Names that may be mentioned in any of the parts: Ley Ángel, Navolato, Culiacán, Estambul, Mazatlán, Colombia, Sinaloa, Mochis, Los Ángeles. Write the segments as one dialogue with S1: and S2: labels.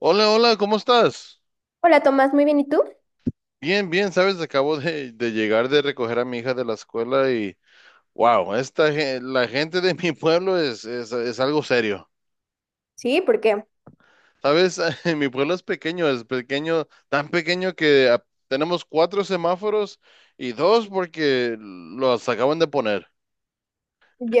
S1: Hola, hola, ¿cómo estás?
S2: Hola Tomás, muy bien, ¿y tú?
S1: Bien, bien, sabes, acabo de llegar de recoger a mi hija de la escuela y wow, la gente de mi pueblo es algo serio.
S2: Sí, ¿por qué?
S1: Sabes, mi pueblo es pequeño, tan pequeño que tenemos cuatro semáforos y dos porque los acaban de poner.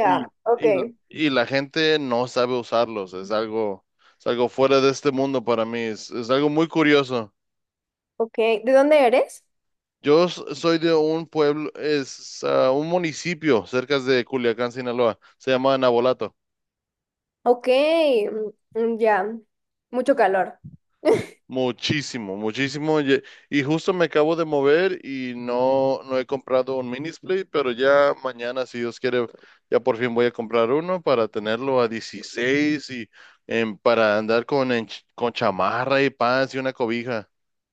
S1: Y,
S2: ok,
S1: y, y la gente no sabe usarlos, es algo fuera de este mundo para mí, es algo muy curioso.
S2: ok. ¿De dónde eres?
S1: Yo soy de un pueblo, es un municipio cerca de Culiacán, Sinaloa. Se llama Navolato.
S2: Ok, mm, mm, ya, mucho calor.
S1: Muchísimo, muchísimo. Y justo me acabo de mover y no, no he comprado un mini split, pero ya mañana, si Dios quiere, ya por fin voy a comprar uno para tenerlo a 16 y para andar con chamarra y pants y una cobija.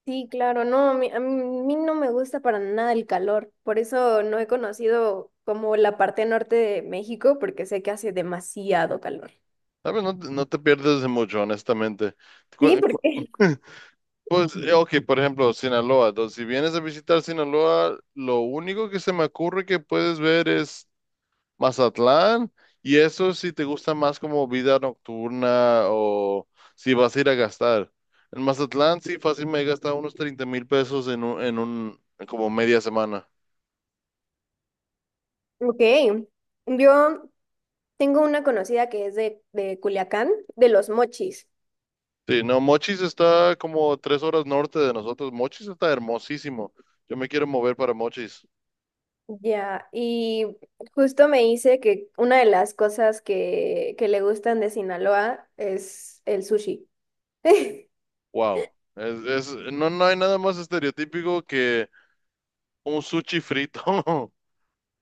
S2: Sí, claro, no, a mí no me gusta para nada el calor, por eso no he conocido como la parte norte de México, porque sé que hace demasiado calor.
S1: ¿Sabes? No, no te pierdes de mucho, honestamente. Cu-
S2: Sí, ¿por
S1: cu-
S2: qué?
S1: Pues, ok, por ejemplo, Sinaloa. Entonces, si vienes a visitar Sinaloa, lo único que se me ocurre que puedes ver es Mazatlán, y eso si te gusta más como vida nocturna o si vas a ir a gastar. En Mazatlán, sí, fácil me he gastado unos 30,000 pesos en un, como media semana.
S2: Ok, yo tengo una conocida que es de Culiacán, de Los Mochis.
S1: Sí, no, Mochis está como 3 horas norte de nosotros. Mochis está hermosísimo. Yo me quiero mover para Mochis.
S2: Ya, y justo me dice que una de las cosas que le gustan de Sinaloa es el sushi.
S1: Wow. No, no hay nada más estereotípico que un sushi frito.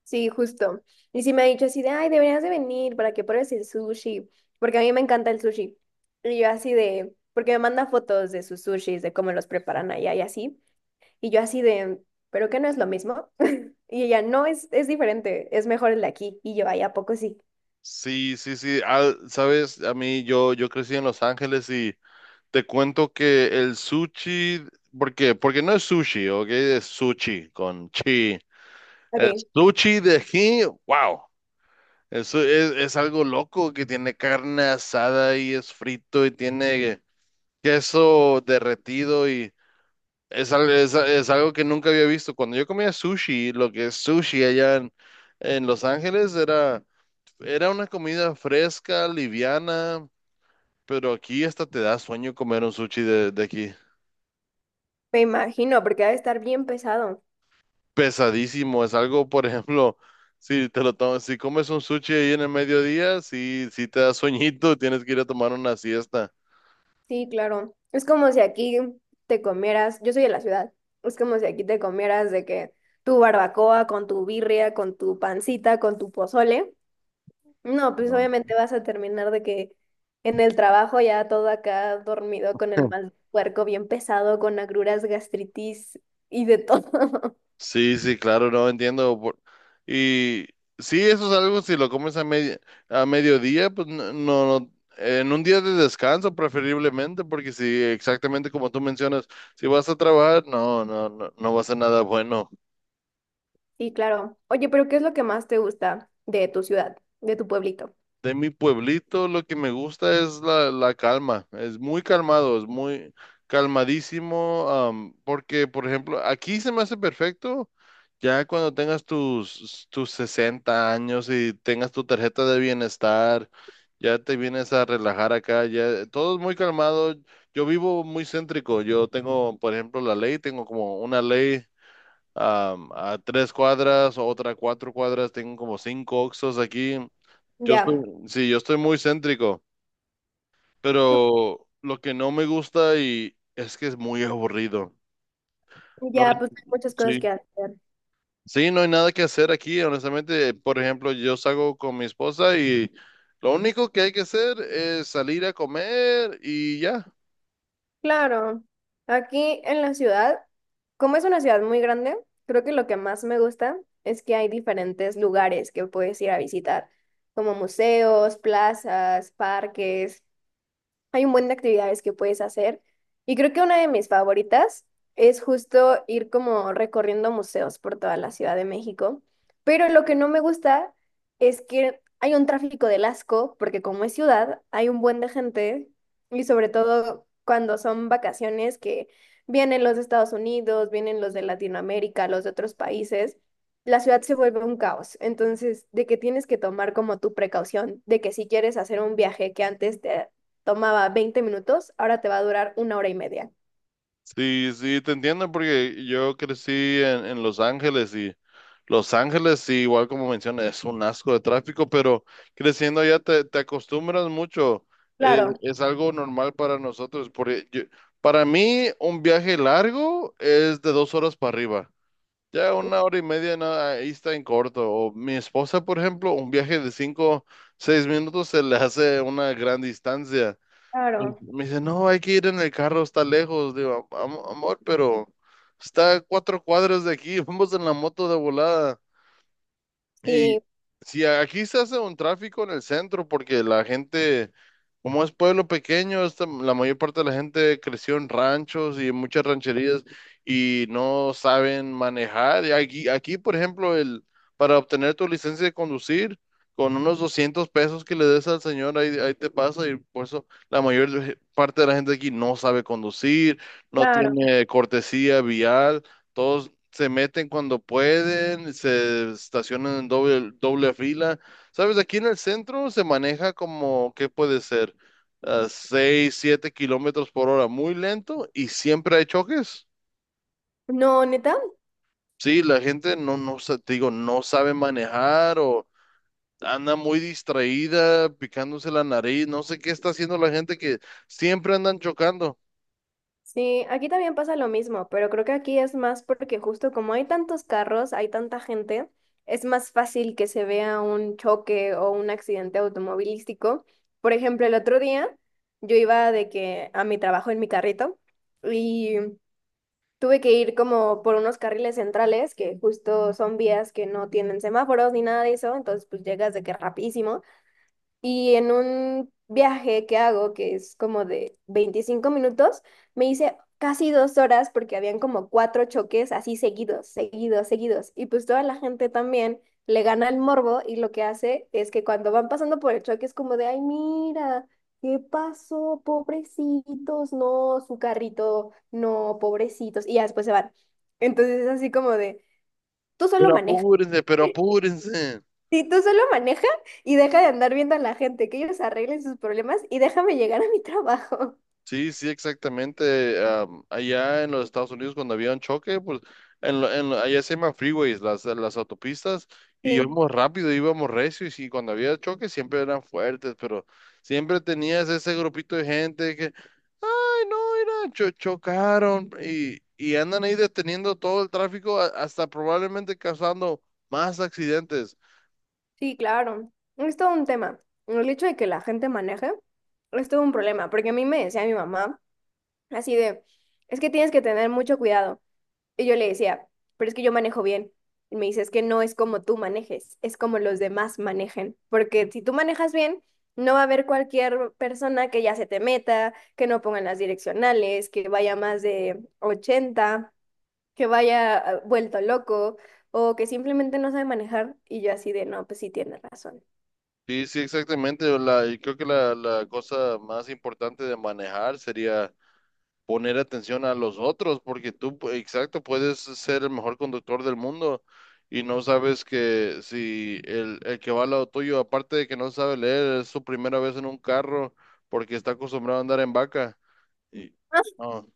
S2: Sí, justo. Y sí me ha dicho así de, ay, deberías de venir para que pruebes el sushi, porque a mí me encanta el sushi. Y yo así de, porque me manda fotos de sus sushis, de cómo los preparan allá y así. Y yo así de, ¿pero qué no es lo mismo? Y ella, no, es diferente, es mejor el de aquí. Y yo, ay, ¿a poco sí?
S1: Sí, sí, sí. Ah, sabes, a mí yo crecí en Los Ángeles y te cuento que el sushi, ¿por qué? Porque no es sushi, ¿ok? Es sushi con chi. El
S2: Ok.
S1: sushi de aquí, wow. Eso es algo loco que tiene carne asada y es frito y tiene queso derretido y es algo que nunca había visto. Cuando yo comía sushi, lo que es sushi allá en, Los Ángeles era una comida fresca, liviana, pero aquí hasta te da sueño comer un sushi de aquí.
S2: Me imagino, porque ha de estar bien pesado.
S1: Pesadísimo, es algo, por ejemplo, si te lo tomas, si comes un sushi ahí en el mediodía, sí, sí te da sueñito, tienes que ir a tomar una siesta.
S2: Sí, claro. Es como si aquí te comieras, yo soy de la ciudad, es como si aquí te comieras de que tu barbacoa con tu birria, con tu pancita, con tu pozole. No, pues
S1: No.
S2: obviamente vas a terminar de que en el trabajo ya todo acá dormido con el mal puerco bien pesado, con agruras, gastritis y de todo.
S1: Sí, sí, claro, no entiendo. Y sí, eso es algo, si lo comes a mediodía, pues no, no, no- en un día de descanso preferiblemente, porque si exactamente como tú mencionas, si vas a trabajar, no, no, no, no va a ser nada bueno.
S2: Sí, claro. Oye, pero ¿qué es lo que más te gusta de tu ciudad, de tu pueblito?
S1: De mi pueblito lo que me gusta es la calma, es muy calmado, es muy calmadísimo, porque por ejemplo, aquí se me hace perfecto ya cuando tengas tus 60 años y tengas tu tarjeta de bienestar, ya te vienes a relajar acá, ya todo es muy calmado, yo vivo muy céntrico, yo tengo por ejemplo la ley, tengo como una ley a 3 cuadras, otra a 4 cuadras, tengo como cinco oxos aquí. Yo estoy,
S2: Ya,
S1: sí, yo estoy muy céntrico, pero lo que no me gusta y es que es muy aburrido. No
S2: ya,
S1: hay-
S2: pues hay muchas cosas
S1: sí.
S2: que hacer.
S1: Sí, no hay nada que hacer aquí, honestamente. Por ejemplo, yo salgo con mi esposa y lo único que hay que hacer es salir a comer y ya.
S2: Claro, aquí en la ciudad, como es una ciudad muy grande, creo que lo que más me gusta es que hay diferentes lugares que puedes ir a visitar, como museos, plazas, parques. Hay un buen de actividades que puedes hacer y creo que una de mis favoritas es justo ir como recorriendo museos por toda la Ciudad de México, pero lo que no me gusta es que hay un tráfico del asco porque como es ciudad hay un buen de gente y sobre todo cuando son vacaciones que vienen los de Estados Unidos, vienen los de Latinoamérica, los de otros países. La ciudad se vuelve un caos, entonces de que tienes que tomar como tu precaución, de que si quieres hacer un viaje que antes te tomaba 20 minutos, ahora te va a durar una hora y media.
S1: Sí, sí, te entiendo porque yo crecí en Los Ángeles y Los Ángeles, sí, igual como mencionas, es un asco de tráfico, pero creciendo allá te acostumbras mucho. Eh,
S2: Claro,
S1: es algo normal para nosotros. Porque para mí, un viaje largo es de 2 horas para arriba. Ya una hora y media, no, ahí está en corto. O mi esposa, por ejemplo, un viaje de 5 o 6 minutos se le hace una gran distancia. Y
S2: claro,
S1: me dice, no, hay que ir en el carro, está lejos. Digo, amor, pero está a 4 cuadras de aquí, vamos en la moto de volada. Y
S2: sí,
S1: si aquí se hace un tráfico en el centro porque la gente, como es pueblo pequeño, la mayor parte de la gente creció en ranchos y en muchas rancherías y no saben manejar. Y aquí, por ejemplo, para obtener tu licencia de conducir, con unos 200 pesos que le des al señor, ahí, ahí te pasa. Y por eso la mayor parte de la gente aquí no sabe conducir, no
S2: claro.
S1: tiene cortesía vial. Todos se meten cuando pueden, se estacionan en doble fila. Sabes, aquí en el centro se maneja como, ¿qué puede ser? A 6, 7 kilómetros por hora, muy lento y siempre hay choques.
S2: No, neta,
S1: Sí, la gente no, no, te digo, no sabe manejar o anda muy distraída, picándose la nariz, no sé qué está haciendo la gente que siempre andan chocando.
S2: sí, aquí también pasa lo mismo, pero creo que aquí es más porque justo como hay tantos carros, hay tanta gente, es más fácil que se vea un choque o un accidente automovilístico. Por ejemplo, el otro día yo iba de que a mi trabajo en mi carrito. Y tuve que ir como por unos carriles centrales, que justo son vías que no tienen semáforos ni nada de eso, entonces pues llegas de que rapidísimo. Y en un viaje que hago, que es como de 25 minutos, me hice casi 2 horas porque habían como cuatro choques así seguidos, seguidos, seguidos. Y pues toda la gente también le gana el morbo y lo que hace es que cuando van pasando por el choque es como de, ay, mira, ¿qué pasó? Pobrecitos, no, su carrito, no, pobrecitos. Y ya después se van. Entonces es así como de, tú
S1: Pero
S2: solo manejas
S1: apúrense, pero apúrense.
S2: si tú solo maneja y deja de andar viendo a la gente, que ellos arreglen sus problemas y déjame llegar a mi trabajo.
S1: Sí, sí, exactamente. Allá en los Estados Unidos cuando había un choque, pues allá se llaman freeways, las autopistas, y
S2: Sí,
S1: íbamos rápido, íbamos recio y sí, cuando había choques siempre eran fuertes, pero siempre tenías ese grupito de gente que, ay, no, mira, chocaron y andan ahí deteniendo todo el tráfico hasta probablemente causando más accidentes.
S2: sí, claro. Es todo un tema. El hecho de que la gente maneje es todo un problema, porque a mí me decía mi mamá así de, es que tienes que tener mucho cuidado. Y yo le decía, pero es que yo manejo bien. Y me dice, es que no es como tú manejes, es como los demás manejen. Porque si tú manejas bien, no va a haber cualquier persona que ya se te meta, que no pongan las direccionales, que vaya más de 80, que vaya vuelto loco o que simplemente no sabe manejar. Y yo así de, no, pues sí tiene razón.
S1: Sí, sí, exactamente. Y creo que la cosa más importante de manejar sería poner atención a los otros, porque tú, exacto, puedes ser el mejor conductor del mundo y no sabes que si el que va al lado tuyo, aparte de que no sabe leer, es su primera vez en un carro porque está acostumbrado a andar en vaca. Y
S2: Ah,
S1: no,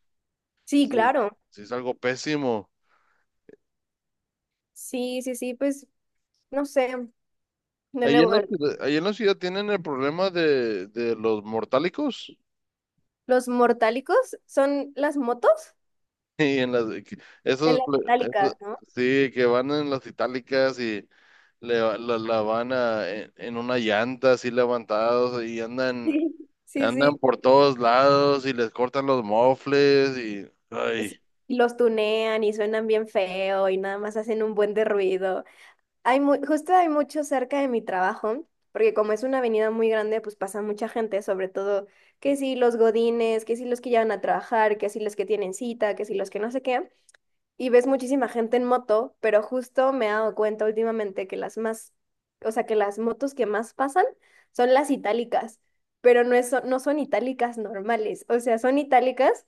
S2: sí,
S1: sí,
S2: claro.
S1: sí es algo pésimo.
S2: Sí, sí, sí, pues no sé. De
S1: Ahí
S2: nuevo,
S1: en la ciudad, ahí en la ciudad tienen el problema de los mortálicos
S2: los mortálicos son las motos
S1: y en las,
S2: en
S1: esos,
S2: las
S1: pl- esos,
S2: itálicas, no.
S1: sí, que van en las itálicas y la van en una llanta así levantados y andan,
S2: Sí, sí,
S1: andan
S2: sí.
S1: por todos lados y les cortan los mofles y,
S2: Sí.
S1: ay,
S2: Y los tunean y suenan bien feo y nada más hacen un buen de ruido. Justo hay mucho cerca de mi trabajo, porque como es una avenida muy grande, pues pasa mucha gente, sobre todo que si los godines, que si los que llevan a trabajar, que si los que tienen cita, que si los que no sé qué. Y ves muchísima gente en moto, pero justo me he dado cuenta últimamente que las más, o sea, que las motos que más pasan son las itálicas, pero no es, no son itálicas normales, o sea, son itálicas.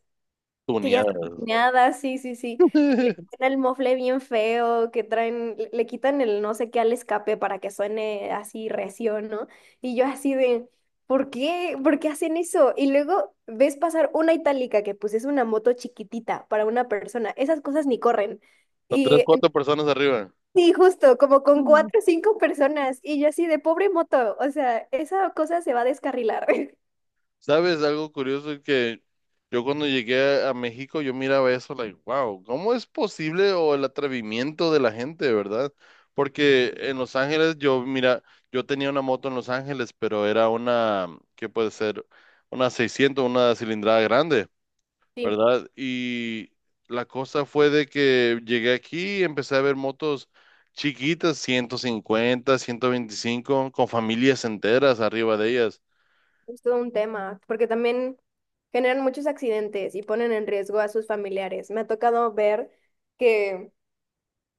S2: Que ya está
S1: tuneada.
S2: tuneada, sí, sí, sí. Que le quitan el mofle bien feo, que traen, le quitan el no sé qué al escape para que suene así recio, ¿no? Y yo así de, ¿por qué? ¿Por qué hacen eso? Y luego ves pasar una itálica que pues es una moto chiquitita para una persona. Esas cosas ni corren.
S1: Son tres,
S2: Y en-
S1: cuatro personas arriba.
S2: sí, justo, como con cuatro o cinco personas. Y yo así de, pobre moto, o sea, esa cosa se va a descarrilar.
S1: ¿Sabes? Algo curioso es que yo cuando llegué a México, yo miraba eso, like, wow, ¿cómo es posible? O el atrevimiento de la gente, ¿verdad? Porque en Los Ángeles, yo, mira, yo tenía una moto en Los Ángeles, pero era una, ¿qué puede ser? Una 600, una cilindrada grande.
S2: Sí.
S1: ¿Verdad? Y la cosa fue de que llegué aquí y empecé a ver motos chiquitas, 150, 125, con familias enteras arriba de ellas.
S2: Es todo un tema, porque también generan muchos accidentes y ponen en riesgo a sus familiares. Me ha tocado ver que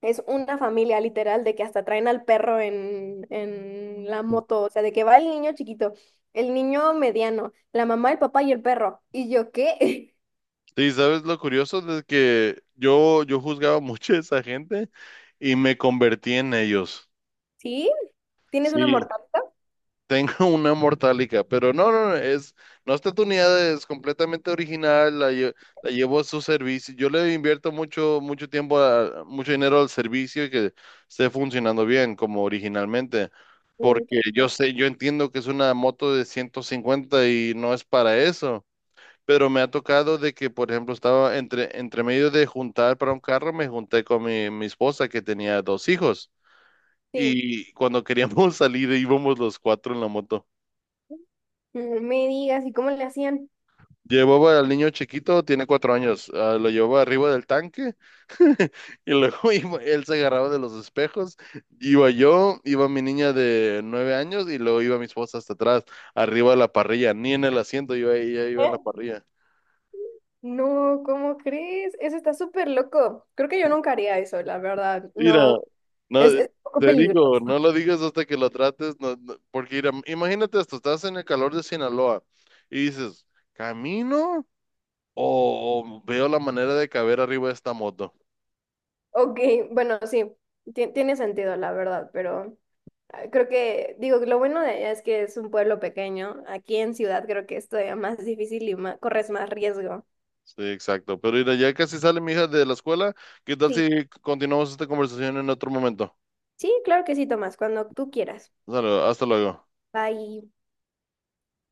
S2: es una familia literal de que hasta traen al perro en la moto, o sea, de que va el niño chiquito, el niño mediano, la mamá, el papá y el perro. ¿Y yo qué?
S1: Y sabes lo curioso de que yo juzgaba mucho a esa gente y me convertí en ellos.
S2: ¿Sí? ¿Tienes una
S1: Sí.
S2: mortal?
S1: Tengo una mortálica, pero no, no, no, es, no está tuneada, es completamente original, la llevo a su servicio. Yo le invierto mucho, mucho tiempo, mucho dinero al servicio y que esté funcionando bien como originalmente,
S2: Mm, qué
S1: porque yo
S2: feo.
S1: sé, yo entiendo que es una moto de 150 y no es para eso, pero me ha tocado de que, por ejemplo, estaba entre medio de juntar para un carro, me junté con mi esposa que tenía dos hijos.
S2: Sí.
S1: Y cuando queríamos salir, íbamos los cuatro en la moto.
S2: Mm, me digas, ¿y cómo le hacían?
S1: Llevaba al niño chiquito, tiene 4 años, lo llevaba arriba del tanque y luego él se agarraba de los espejos, iba yo, iba mi niña de 9 años y luego iba mi esposa hasta atrás, arriba de la parrilla, ni en el asiento, yo ella iba en
S2: ¿Eh?
S1: la parrilla.
S2: No, ¿cómo crees? Eso está súper loco. Creo que yo nunca haría eso, la verdad.
S1: Mira,
S2: No.
S1: no,
S2: Es un poco
S1: te
S2: peligroso.
S1: digo, no lo digas hasta que lo trates, no, porque mira, imagínate esto, estás en el calor de Sinaloa y dices, ¿camino o veo la manera de caber arriba de esta moto?
S2: Ok, bueno, sí, tiene sentido, la verdad, pero creo que, digo, lo bueno de allá es que es un pueblo pequeño. Aquí en ciudad creo que es todavía más difícil y corres más riesgo.
S1: Sí, exacto. Pero mira, ya casi sale mi hija de la escuela. ¿Qué tal
S2: Sí,
S1: si continuamos esta conversación en otro momento?
S2: sí, claro que sí, Tomás, cuando tú quieras.
S1: Sale, hasta luego.
S2: Bye.